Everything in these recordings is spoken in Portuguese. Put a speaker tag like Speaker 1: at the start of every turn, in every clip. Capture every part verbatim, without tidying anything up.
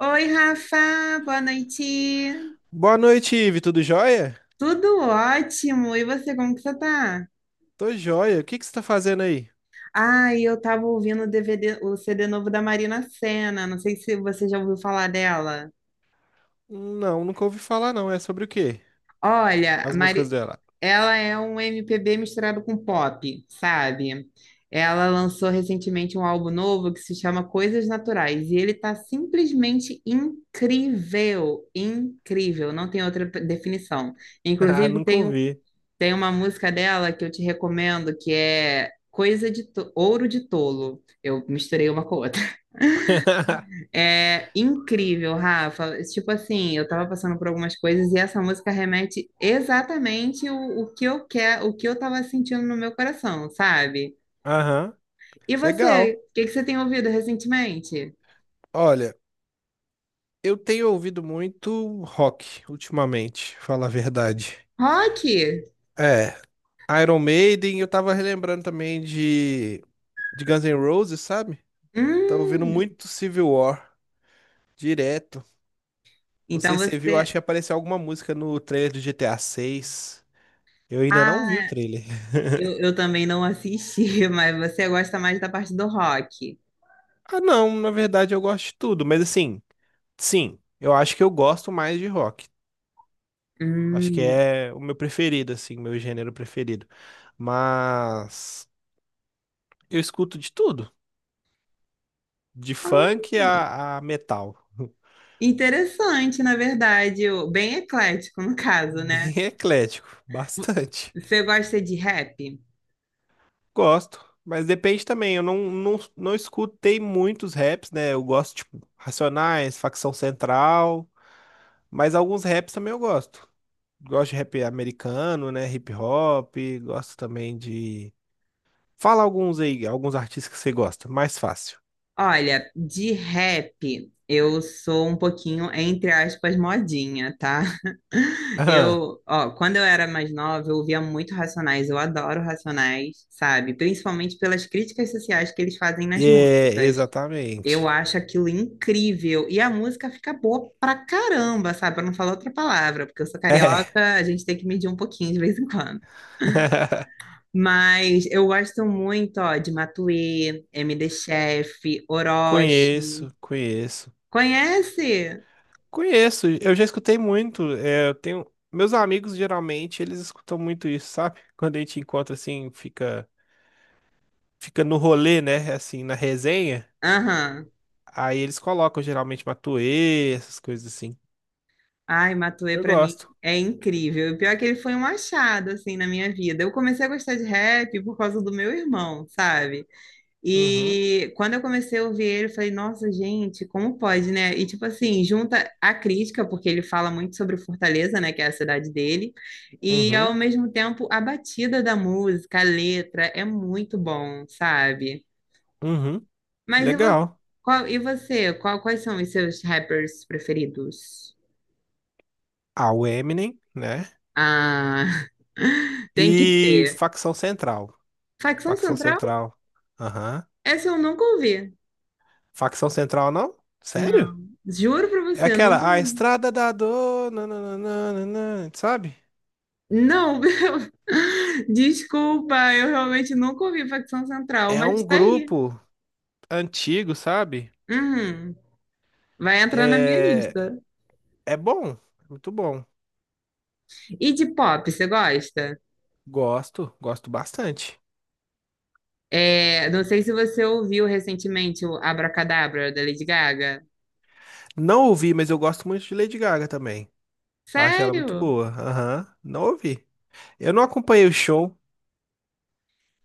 Speaker 1: Oi, Rafa, boa noite.
Speaker 2: Boa noite, Ive. Tudo jóia?
Speaker 1: Tudo ótimo. E você, como que você tá?
Speaker 2: Tô jóia. O que que você tá fazendo aí?
Speaker 1: Ah, eu tava ouvindo o D V D, o C D novo da Marina Sena. Não sei se você já ouviu falar dela.
Speaker 2: Não, nunca ouvi falar, não. É sobre o quê?
Speaker 1: Olha, a
Speaker 2: As
Speaker 1: Mari...
Speaker 2: músicas dela.
Speaker 1: ela é um M P B misturado com pop, sabe? Ela lançou recentemente um álbum novo que se chama Coisas Naturais e ele tá simplesmente incrível, incrível, não tem outra definição.
Speaker 2: Ah,
Speaker 1: Inclusive,
Speaker 2: nunca
Speaker 1: tem um.
Speaker 2: ouvi.
Speaker 1: Tem uma música dela que eu te recomendo que é Coisa de to- Ouro de Tolo. Eu misturei uma com a outra. É incrível, Rafa. Tipo assim, eu tava passando por algumas coisas e essa música remete exatamente o, o que eu quero, o que eu tava sentindo no meu coração, sabe?
Speaker 2: Aham.
Speaker 1: E você,
Speaker 2: Legal.
Speaker 1: o que que você tem ouvido recentemente?
Speaker 2: Olha, eu tenho ouvido muito rock ultimamente, falar a verdade.
Speaker 1: Rock?
Speaker 2: É, Iron Maiden, eu tava relembrando também de, de Guns N' Roses, sabe? Tava ouvindo
Speaker 1: Hum.
Speaker 2: muito Civil War, direto. Não
Speaker 1: Então
Speaker 2: sei se você viu, acho
Speaker 1: você.
Speaker 2: que apareceu alguma música no trailer do G T A V I. Eu ainda não vi o
Speaker 1: Ah,
Speaker 2: trailer.
Speaker 1: eu, eu também não assisti, mas você gosta mais da parte do rock.
Speaker 2: Ah, não, na verdade eu gosto de tudo, mas assim, sim, eu acho que eu gosto mais de rock. Acho que
Speaker 1: Hum.
Speaker 2: é o meu preferido, assim, meu gênero preferido. Mas eu escuto de tudo, de
Speaker 1: Ah.
Speaker 2: funk a, a metal.
Speaker 1: Interessante, na verdade, o- bem eclético no caso, né?
Speaker 2: Bem eclético, bastante.
Speaker 1: Você gosta de rap?
Speaker 2: Gosto, mas depende também. Eu não, não, não escutei muitos raps, né? Eu gosto, tipo, Racionais, Facção Central. Mas alguns raps também eu gosto. Gosto de rap americano, né? Hip hop, gosto também de. Fala alguns aí, alguns artistas que você gosta, mais fácil.
Speaker 1: Olha, de rap eu sou um pouquinho, entre aspas, modinha, tá?
Speaker 2: Aham.
Speaker 1: Eu, ó, quando eu era mais nova, eu ouvia muito Racionais, eu adoro Racionais, sabe? Principalmente pelas críticas sociais que eles fazem nas
Speaker 2: É,
Speaker 1: músicas. Eu
Speaker 2: exatamente.
Speaker 1: acho aquilo incrível. E a música fica boa pra caramba, sabe? Pra não falar outra palavra, porque eu sou
Speaker 2: É.
Speaker 1: carioca, a gente tem que medir um pouquinho de vez em quando. Mas eu gosto muito, ó, de Matuê, M D Chef, Orochi.
Speaker 2: Conheço, conheço.
Speaker 1: Conhece?
Speaker 2: Conheço, eu já escutei muito. É, eu tenho. Meus amigos geralmente eles escutam muito isso, sabe? Quando a gente encontra assim, fica, fica no rolê, né? Assim, na resenha.
Speaker 1: Aham.
Speaker 2: Aí eles colocam geralmente Matuê, essas coisas assim.
Speaker 1: Ai, Matuê
Speaker 2: Eu
Speaker 1: pra mim
Speaker 2: gosto.
Speaker 1: é incrível. O pior é que ele foi um achado, assim, na minha vida. Eu comecei a gostar de rap por causa do meu irmão, sabe?
Speaker 2: Uhum,
Speaker 1: E quando eu comecei a ouvir ele, eu falei, nossa, gente, como pode, né? E tipo assim, junta a crítica, porque ele fala muito sobre Fortaleza, né, que é a cidade dele, e
Speaker 2: uhum,
Speaker 1: ao mesmo tempo a batida da música, a letra, é muito bom, sabe?
Speaker 2: uhum.
Speaker 1: Mas e você,
Speaker 2: Legal.
Speaker 1: qual, e você? Qual- quais são os seus rappers preferidos?
Speaker 2: Ah, o Eminem, né?
Speaker 1: Ah, tem que
Speaker 2: E
Speaker 1: ter.
Speaker 2: facção central.
Speaker 1: Facção
Speaker 2: Facção
Speaker 1: Central?
Speaker 2: central. Aham.
Speaker 1: Essa eu nunca ouvi.
Speaker 2: Facção central, não? Sério?
Speaker 1: Não, juro pra
Speaker 2: É
Speaker 1: você, eu nunca.
Speaker 2: aquela, a Estrada da Dor, nananana, sabe?
Speaker 1: Não, desculpa, eu realmente nunca ouvi Facção Central,
Speaker 2: É
Speaker 1: mas
Speaker 2: um
Speaker 1: tá aí.
Speaker 2: grupo antigo, sabe?
Speaker 1: Uhum. Vai entrar na minha
Speaker 2: É,
Speaker 1: lista.
Speaker 2: é bom, muito bom.
Speaker 1: E de pop, você gosta?
Speaker 2: Gosto, gosto bastante.
Speaker 1: É, não sei se você ouviu recentemente o Abracadabra da Lady Gaga.
Speaker 2: Não ouvi, mas eu gosto muito de Lady Gaga também. Eu acho ela muito
Speaker 1: Sério?
Speaker 2: boa. Aham, não ouvi. Eu não acompanhei o show.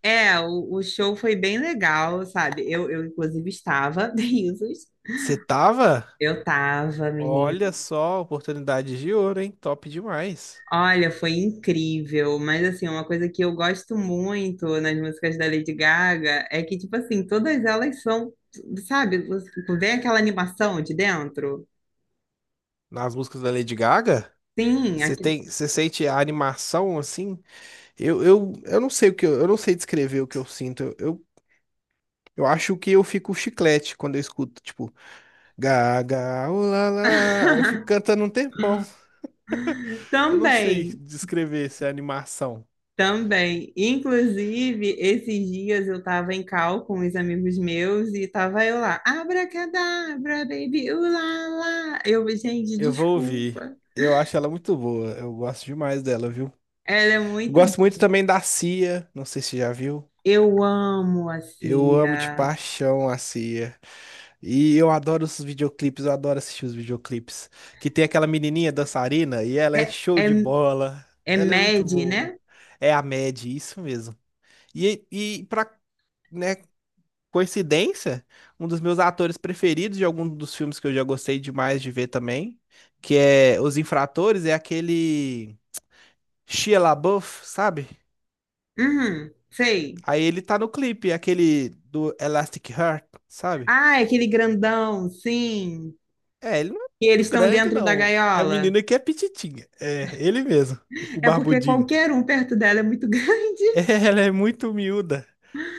Speaker 1: É, o, o show foi bem legal, sabe? Eu, eu inclusive, estava, risos.
Speaker 2: Você tava?
Speaker 1: Eu tava, menina.
Speaker 2: Olha só, oportunidade de ouro, hein? Top demais.
Speaker 1: Olha, foi incrível, mas assim, uma coisa que eu gosto muito nas músicas da Lady Gaga é que, tipo assim, todas elas são, sabe, você- vem aquela animação de dentro?
Speaker 2: Nas músicas da Lady Gaga,
Speaker 1: Sim,
Speaker 2: você
Speaker 1: aqui...
Speaker 2: tem, você sente a animação assim? Eu, eu, eu não sei o que eu, eu não sei descrever o que eu sinto. Eu, eu, eu acho que eu fico chiclete quando eu escuto, tipo, Gaga, ulala. Aí eu fico cantando um tempão. Eu não sei
Speaker 1: Também,
Speaker 2: descrever essa animação.
Speaker 1: também. Inclusive, esses dias eu tava em cal com os amigos meus e tava eu lá, abracadabra, baby, ulala. Eu, gente,
Speaker 2: Eu vou ouvir.
Speaker 1: desculpa.
Speaker 2: Eu acho ela muito boa. Eu gosto demais dela, viu?
Speaker 1: Ela é muito.
Speaker 2: Gosto muito também da Cia, não sei se já viu.
Speaker 1: Eu amo a
Speaker 2: Eu amo de
Speaker 1: Cia.
Speaker 2: paixão a Cia. E eu adoro os videoclipes, eu adoro assistir os videoclipes. Que tem aquela menininha dançarina e ela é
Speaker 1: É,
Speaker 2: show
Speaker 1: é
Speaker 2: de bola.
Speaker 1: É
Speaker 2: Ela é muito
Speaker 1: Mad,
Speaker 2: boa.
Speaker 1: né?
Speaker 2: É a Mad, isso mesmo. E, e pra, né, coincidência, um dos meus atores preferidos de algum dos filmes que eu já gostei demais de ver também, que é Os Infratores, é aquele Shia LaBeouf, sabe?
Speaker 1: Uhum, sei.
Speaker 2: Aí ele tá no clipe, aquele do Elastic Heart, sabe?
Speaker 1: Ah, é aquele grandão, sim.
Speaker 2: É, ele não é
Speaker 1: E eles
Speaker 2: muito
Speaker 1: estão
Speaker 2: grande,
Speaker 1: dentro da
Speaker 2: não. É a
Speaker 1: gaiola.
Speaker 2: menina que é pititinha. É, ele mesmo, o
Speaker 1: É porque
Speaker 2: barbudinho.
Speaker 1: qualquer um perto dela é muito grande.
Speaker 2: Ela é muito miúda,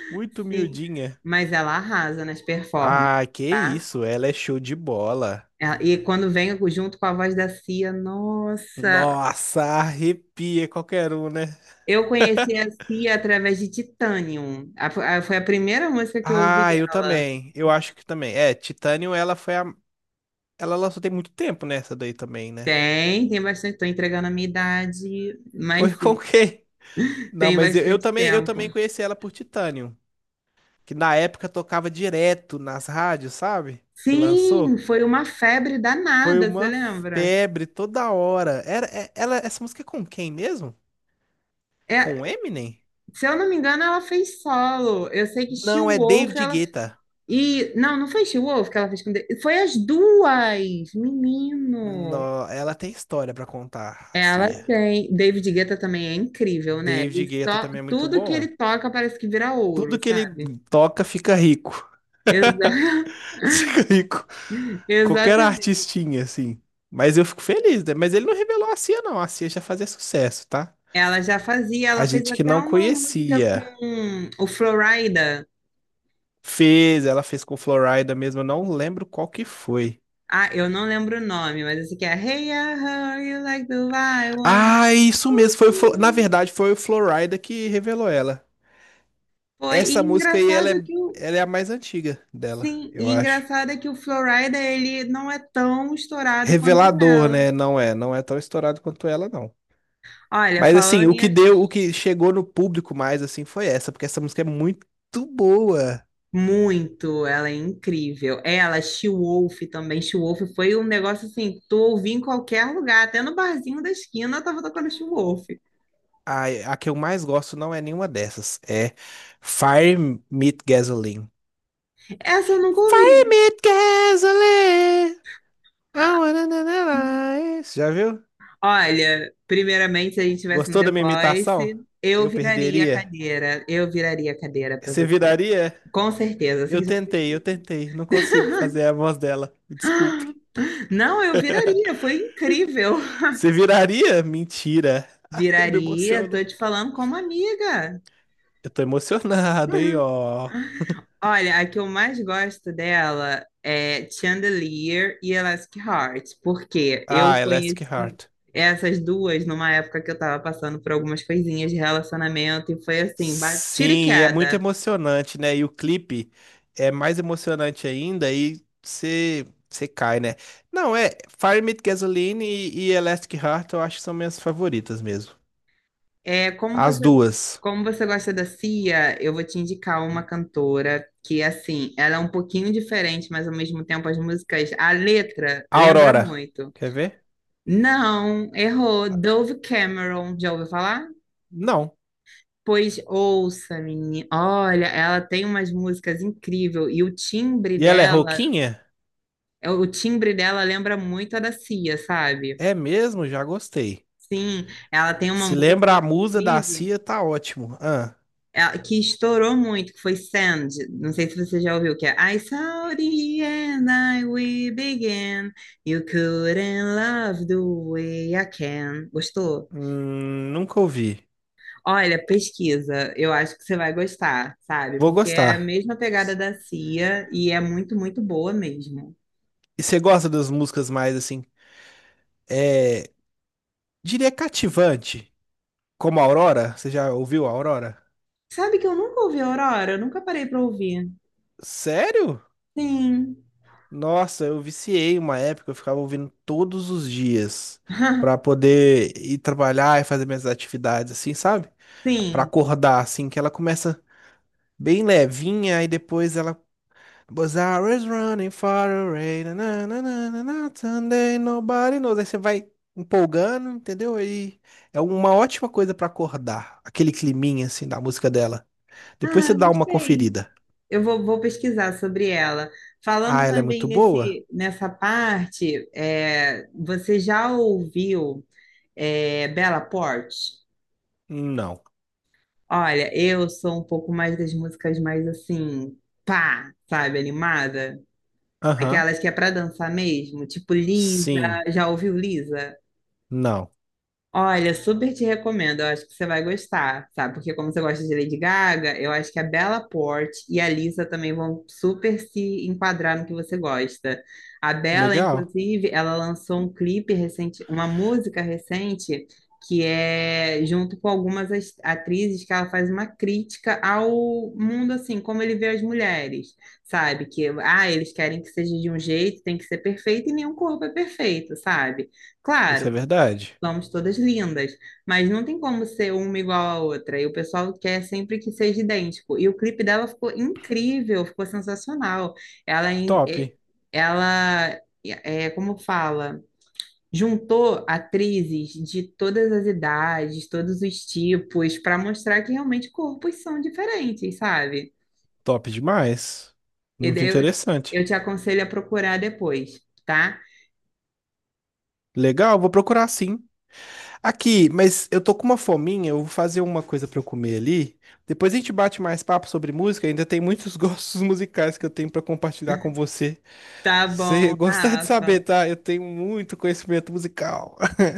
Speaker 2: muito
Speaker 1: Sim,
Speaker 2: miudinha.
Speaker 1: mas ela arrasa nas performances,
Speaker 2: Ah, que
Speaker 1: tá?
Speaker 2: isso, ela é show de bola.
Speaker 1: Ela- E quando vem junto com a voz da Cia, nossa,
Speaker 2: Nossa, arrepia qualquer um, né?
Speaker 1: eu conheci a Cia através de Titanium. A- a- foi a primeira música que eu ouvi
Speaker 2: Ah, eu
Speaker 1: dela.
Speaker 2: também. Eu acho que também. É, Titanium, ela foi a... Ela lançou tem muito tempo nessa daí também, né?
Speaker 1: Tem, tem bastante. Estou entregando a minha idade,
Speaker 2: Foi
Speaker 1: mas
Speaker 2: com
Speaker 1: sim,
Speaker 2: quem? Não,
Speaker 1: tem
Speaker 2: mas eu, eu
Speaker 1: bastante
Speaker 2: também, eu
Speaker 1: tempo.
Speaker 2: também conheci ela por Titanium, que na época tocava direto nas rádios, sabe? Que
Speaker 1: Sim,
Speaker 2: lançou.
Speaker 1: foi uma febre
Speaker 2: Foi
Speaker 1: danada, você
Speaker 2: uma
Speaker 1: lembra?
Speaker 2: febre toda hora. Era, é- ela, essa música é com quem mesmo?
Speaker 1: É,
Speaker 2: Com o Eminem?
Speaker 1: se eu não me engano, ela fez solo. Eu sei que
Speaker 2: Não, é
Speaker 1: She-Wolf,
Speaker 2: David
Speaker 1: ela.
Speaker 2: Guetta.
Speaker 1: E, não, não foi She-Wolf que ela fez com. Da- Foi as duas! Menino!
Speaker 2: No- ela tem história pra contar, a
Speaker 1: Ela
Speaker 2: Cia.
Speaker 1: tem. David Guetta também é incrível, né?
Speaker 2: David
Speaker 1: Ele
Speaker 2: Guetta
Speaker 1: só...
Speaker 2: também é muito
Speaker 1: Tudo que
Speaker 2: bom.
Speaker 1: ele toca parece que vira
Speaker 2: Tudo
Speaker 1: ouro,
Speaker 2: que ele
Speaker 1: sabe?
Speaker 2: toca fica rico.
Speaker 1: Exa-
Speaker 2: Fica rico. Qualquer
Speaker 1: Exatamente.
Speaker 2: artistinha, assim. Mas eu fico feliz, né? Mas ele não revelou a Cia, não. A Cia já fazia sucesso, tá?
Speaker 1: Ela já fazia, ela
Speaker 2: A
Speaker 1: fez
Speaker 2: gente que
Speaker 1: até
Speaker 2: não
Speaker 1: uma música
Speaker 2: conhecia.
Speaker 1: com o Florida.
Speaker 2: Fez, ela fez com Florida mesmo. Eu não lembro qual que foi.
Speaker 1: Ah, eu não lembro o nome, mas esse aqui é Hey, I heard you like the wild one.
Speaker 2: Ah, isso mesmo. Foi o Flo- Na verdade, foi o Florida que revelou ela.
Speaker 1: Foi e
Speaker 2: Essa música aí, ela
Speaker 1: engraçado
Speaker 2: é,
Speaker 1: que o
Speaker 2: ela é a mais antiga dela,
Speaker 1: sim,
Speaker 2: eu
Speaker 1: e
Speaker 2: acho.
Speaker 1: engraçado é que o Florida ele não é tão estourado quanto
Speaker 2: Revelador,
Speaker 1: ela.
Speaker 2: né? Não é, não é tão estourado quanto ela, não.
Speaker 1: Olha,
Speaker 2: Mas assim,
Speaker 1: falando
Speaker 2: o
Speaker 1: em
Speaker 2: que
Speaker 1: ar-
Speaker 2: deu, o que chegou no público mais assim foi essa, porque essa música é muito boa.
Speaker 1: muito, ela é incrível. Ela, She-Wolf também, She-Wolf foi um negócio assim, que tu ouvia em qualquer lugar, até no barzinho da esquina eu tava tocando She-Wolf.
Speaker 2: A, a que eu mais gosto não é nenhuma dessas. É Fire Meet Gasoline.
Speaker 1: Essa eu nunca
Speaker 2: Fire
Speaker 1: ouvi.
Speaker 2: Meet Gasoline. I wanna na, na, na. Já viu?
Speaker 1: Olha, primeiramente, se a gente tivesse um
Speaker 2: Gostou
Speaker 1: The
Speaker 2: da minha imitação?
Speaker 1: Voice, eu
Speaker 2: Eu
Speaker 1: viraria a
Speaker 2: perderia?
Speaker 1: cadeira. Eu viraria a cadeira para
Speaker 2: Você
Speaker 1: você.
Speaker 2: viraria?
Speaker 1: Com certeza,
Speaker 2: Eu
Speaker 1: sem sombra de
Speaker 2: tentei, eu
Speaker 1: dúvida.
Speaker 2: tentei. Não consigo fazer a voz dela. Me desculpe.
Speaker 1: Não, eu viraria, foi incrível.
Speaker 2: Você viraria? Mentira. Ah, eu me
Speaker 1: Viraria,
Speaker 2: emociono.
Speaker 1: tô te falando como amiga.
Speaker 2: Eu tô emocionado, hein, ó.
Speaker 1: Olha, a que eu mais gosto dela é Chandelier e Elastic Heart, porque eu
Speaker 2: Ah, Elastic
Speaker 1: conheci
Speaker 2: Heart.
Speaker 1: essas duas numa época que eu tava passando por algumas coisinhas de relacionamento e foi assim, ba- tiro e
Speaker 2: Sim, é muito
Speaker 1: queda.
Speaker 2: emocionante, né? E o clipe é mais emocionante ainda e você você cai, né? Não, é Fire Me With Gasoline e, e Elastic Heart eu acho que são minhas favoritas mesmo.
Speaker 1: É, como
Speaker 2: As
Speaker 1: você,
Speaker 2: duas.
Speaker 1: como você gosta da Cia, eu vou te indicar uma cantora que, assim, ela é um pouquinho diferente, mas ao mesmo tempo as músicas, a letra lembra
Speaker 2: Aurora.
Speaker 1: muito.
Speaker 2: Quer ver?
Speaker 1: Não, errou. Dove Cameron, já ouviu falar?
Speaker 2: Não.
Speaker 1: Pois ouça, menina. Olha, ela tem umas músicas incríveis e o timbre
Speaker 2: E ela é
Speaker 1: dela,
Speaker 2: roquinha?
Speaker 1: é, o timbre dela lembra muito a da Cia, sabe?
Speaker 2: É mesmo? Já gostei.
Speaker 1: Sim, ela tem uma
Speaker 2: Se
Speaker 1: música,
Speaker 2: lembra a musa da
Speaker 1: inclusive.
Speaker 2: Cia, tá ótimo. Ah,
Speaker 1: É, que estourou muito, que foi Sand. Não sei se você já ouviu, que é I saw the end, I we began. You couldn't love the way I can. Gostou?
Speaker 2: hum, nunca ouvi.
Speaker 1: Olha, pesquisa, eu acho que você vai gostar, sabe?
Speaker 2: Vou
Speaker 1: Porque é a
Speaker 2: gostar.
Speaker 1: mesma pegada da Cia e é muito, muito boa mesmo.
Speaker 2: E você gosta das músicas mais assim? É. Diria cativante. Como Aurora? Você já ouviu a Aurora?
Speaker 1: Sabe que eu nunca ouvi Aurora? Eu nunca parei pra ouvir.
Speaker 2: Sério?
Speaker 1: Sim.
Speaker 2: Nossa, eu viciei uma época, eu ficava ouvindo todos os dias pra poder ir trabalhar e fazer minhas atividades assim, sabe? Pra
Speaker 1: Sim.
Speaker 2: acordar assim que ela começa bem levinha, e depois ela. Was is running far away, na, na, na, na, na, na, Sunday, nobody knows. Aí você vai empolgando, entendeu? Aí é uma ótima coisa pra acordar, aquele climinha assim da música dela. Depois você
Speaker 1: Ah,
Speaker 2: dá uma
Speaker 1: gostei.
Speaker 2: conferida.
Speaker 1: Eu vou, vou pesquisar sobre ela.
Speaker 2: Ah,
Speaker 1: Falando
Speaker 2: ela é
Speaker 1: também
Speaker 2: muito boa?
Speaker 1: nesse, nessa parte, é, você já ouviu é, Bella Porte?
Speaker 2: Não.
Speaker 1: Olha, eu sou um pouco mais das músicas mais assim, pá, sabe, animada?
Speaker 2: Aham.
Speaker 1: Aquelas que é para dançar mesmo, tipo Lisa.
Speaker 2: Sim.
Speaker 1: Já ouviu Lisa?
Speaker 2: Não.
Speaker 1: Olha, super te recomendo. Eu acho que você vai gostar, sabe? Porque como você gosta de Lady Gaga, eu acho que a Bella Porte e a Lisa também vão super se enquadrar no que você gosta. A Bella,
Speaker 2: Legal.
Speaker 1: inclusive, ela lançou um clipe recente, uma música recente, que é junto com algumas as- atrizes que ela faz uma crítica ao mundo, assim, como ele vê as mulheres, sabe? Que, ah, eles querem que seja de um jeito, tem que ser perfeito e nenhum corpo é perfeito, sabe?
Speaker 2: Isso
Speaker 1: Claro,
Speaker 2: é verdade.
Speaker 1: somos todas lindas, mas não tem como ser uma igual à outra. E o pessoal quer sempre que seja idêntico. E o clipe dela ficou incrível, ficou sensacional. Ela, em-
Speaker 2: Top.
Speaker 1: eh, ela é, como fala, juntou atrizes de todas as idades, todos os tipos, para mostrar que realmente corpos são diferentes, sabe?
Speaker 2: Top demais.
Speaker 1: E
Speaker 2: Muito
Speaker 1: daí eu,
Speaker 2: interessante.
Speaker 1: eu te aconselho a procurar depois, tá?
Speaker 2: Legal, vou procurar sim. Aqui, mas eu tô com uma fominha, eu vou fazer uma coisa pra eu comer ali. Depois a gente bate mais papo sobre música, ainda tem muitos gostos musicais que eu tenho pra compartilhar com você.
Speaker 1: Tá
Speaker 2: Se você
Speaker 1: bom,
Speaker 2: gostar de saber,
Speaker 1: Rafa.
Speaker 2: tá? Eu tenho muito conhecimento musical.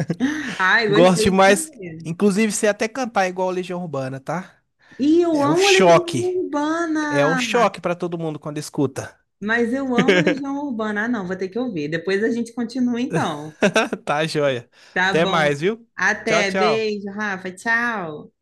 Speaker 1: Ai,
Speaker 2: Gosto
Speaker 1: gostei
Speaker 2: demais,
Speaker 1: também.
Speaker 2: inclusive sei até cantar igual Legião Urbana, tá?
Speaker 1: E eu
Speaker 2: É um
Speaker 1: amo Legião
Speaker 2: choque. É um
Speaker 1: Urbana,
Speaker 2: choque pra todo mundo quando escuta.
Speaker 1: mas eu amo Legião Urbana. Ah, não, vou ter que ouvir. Depois a gente continua então.
Speaker 2: Tá, joia.
Speaker 1: Tá
Speaker 2: Até
Speaker 1: bom.
Speaker 2: mais, viu? Tchau,
Speaker 1: Até,
Speaker 2: tchau.
Speaker 1: beijo, Rafa, tchau.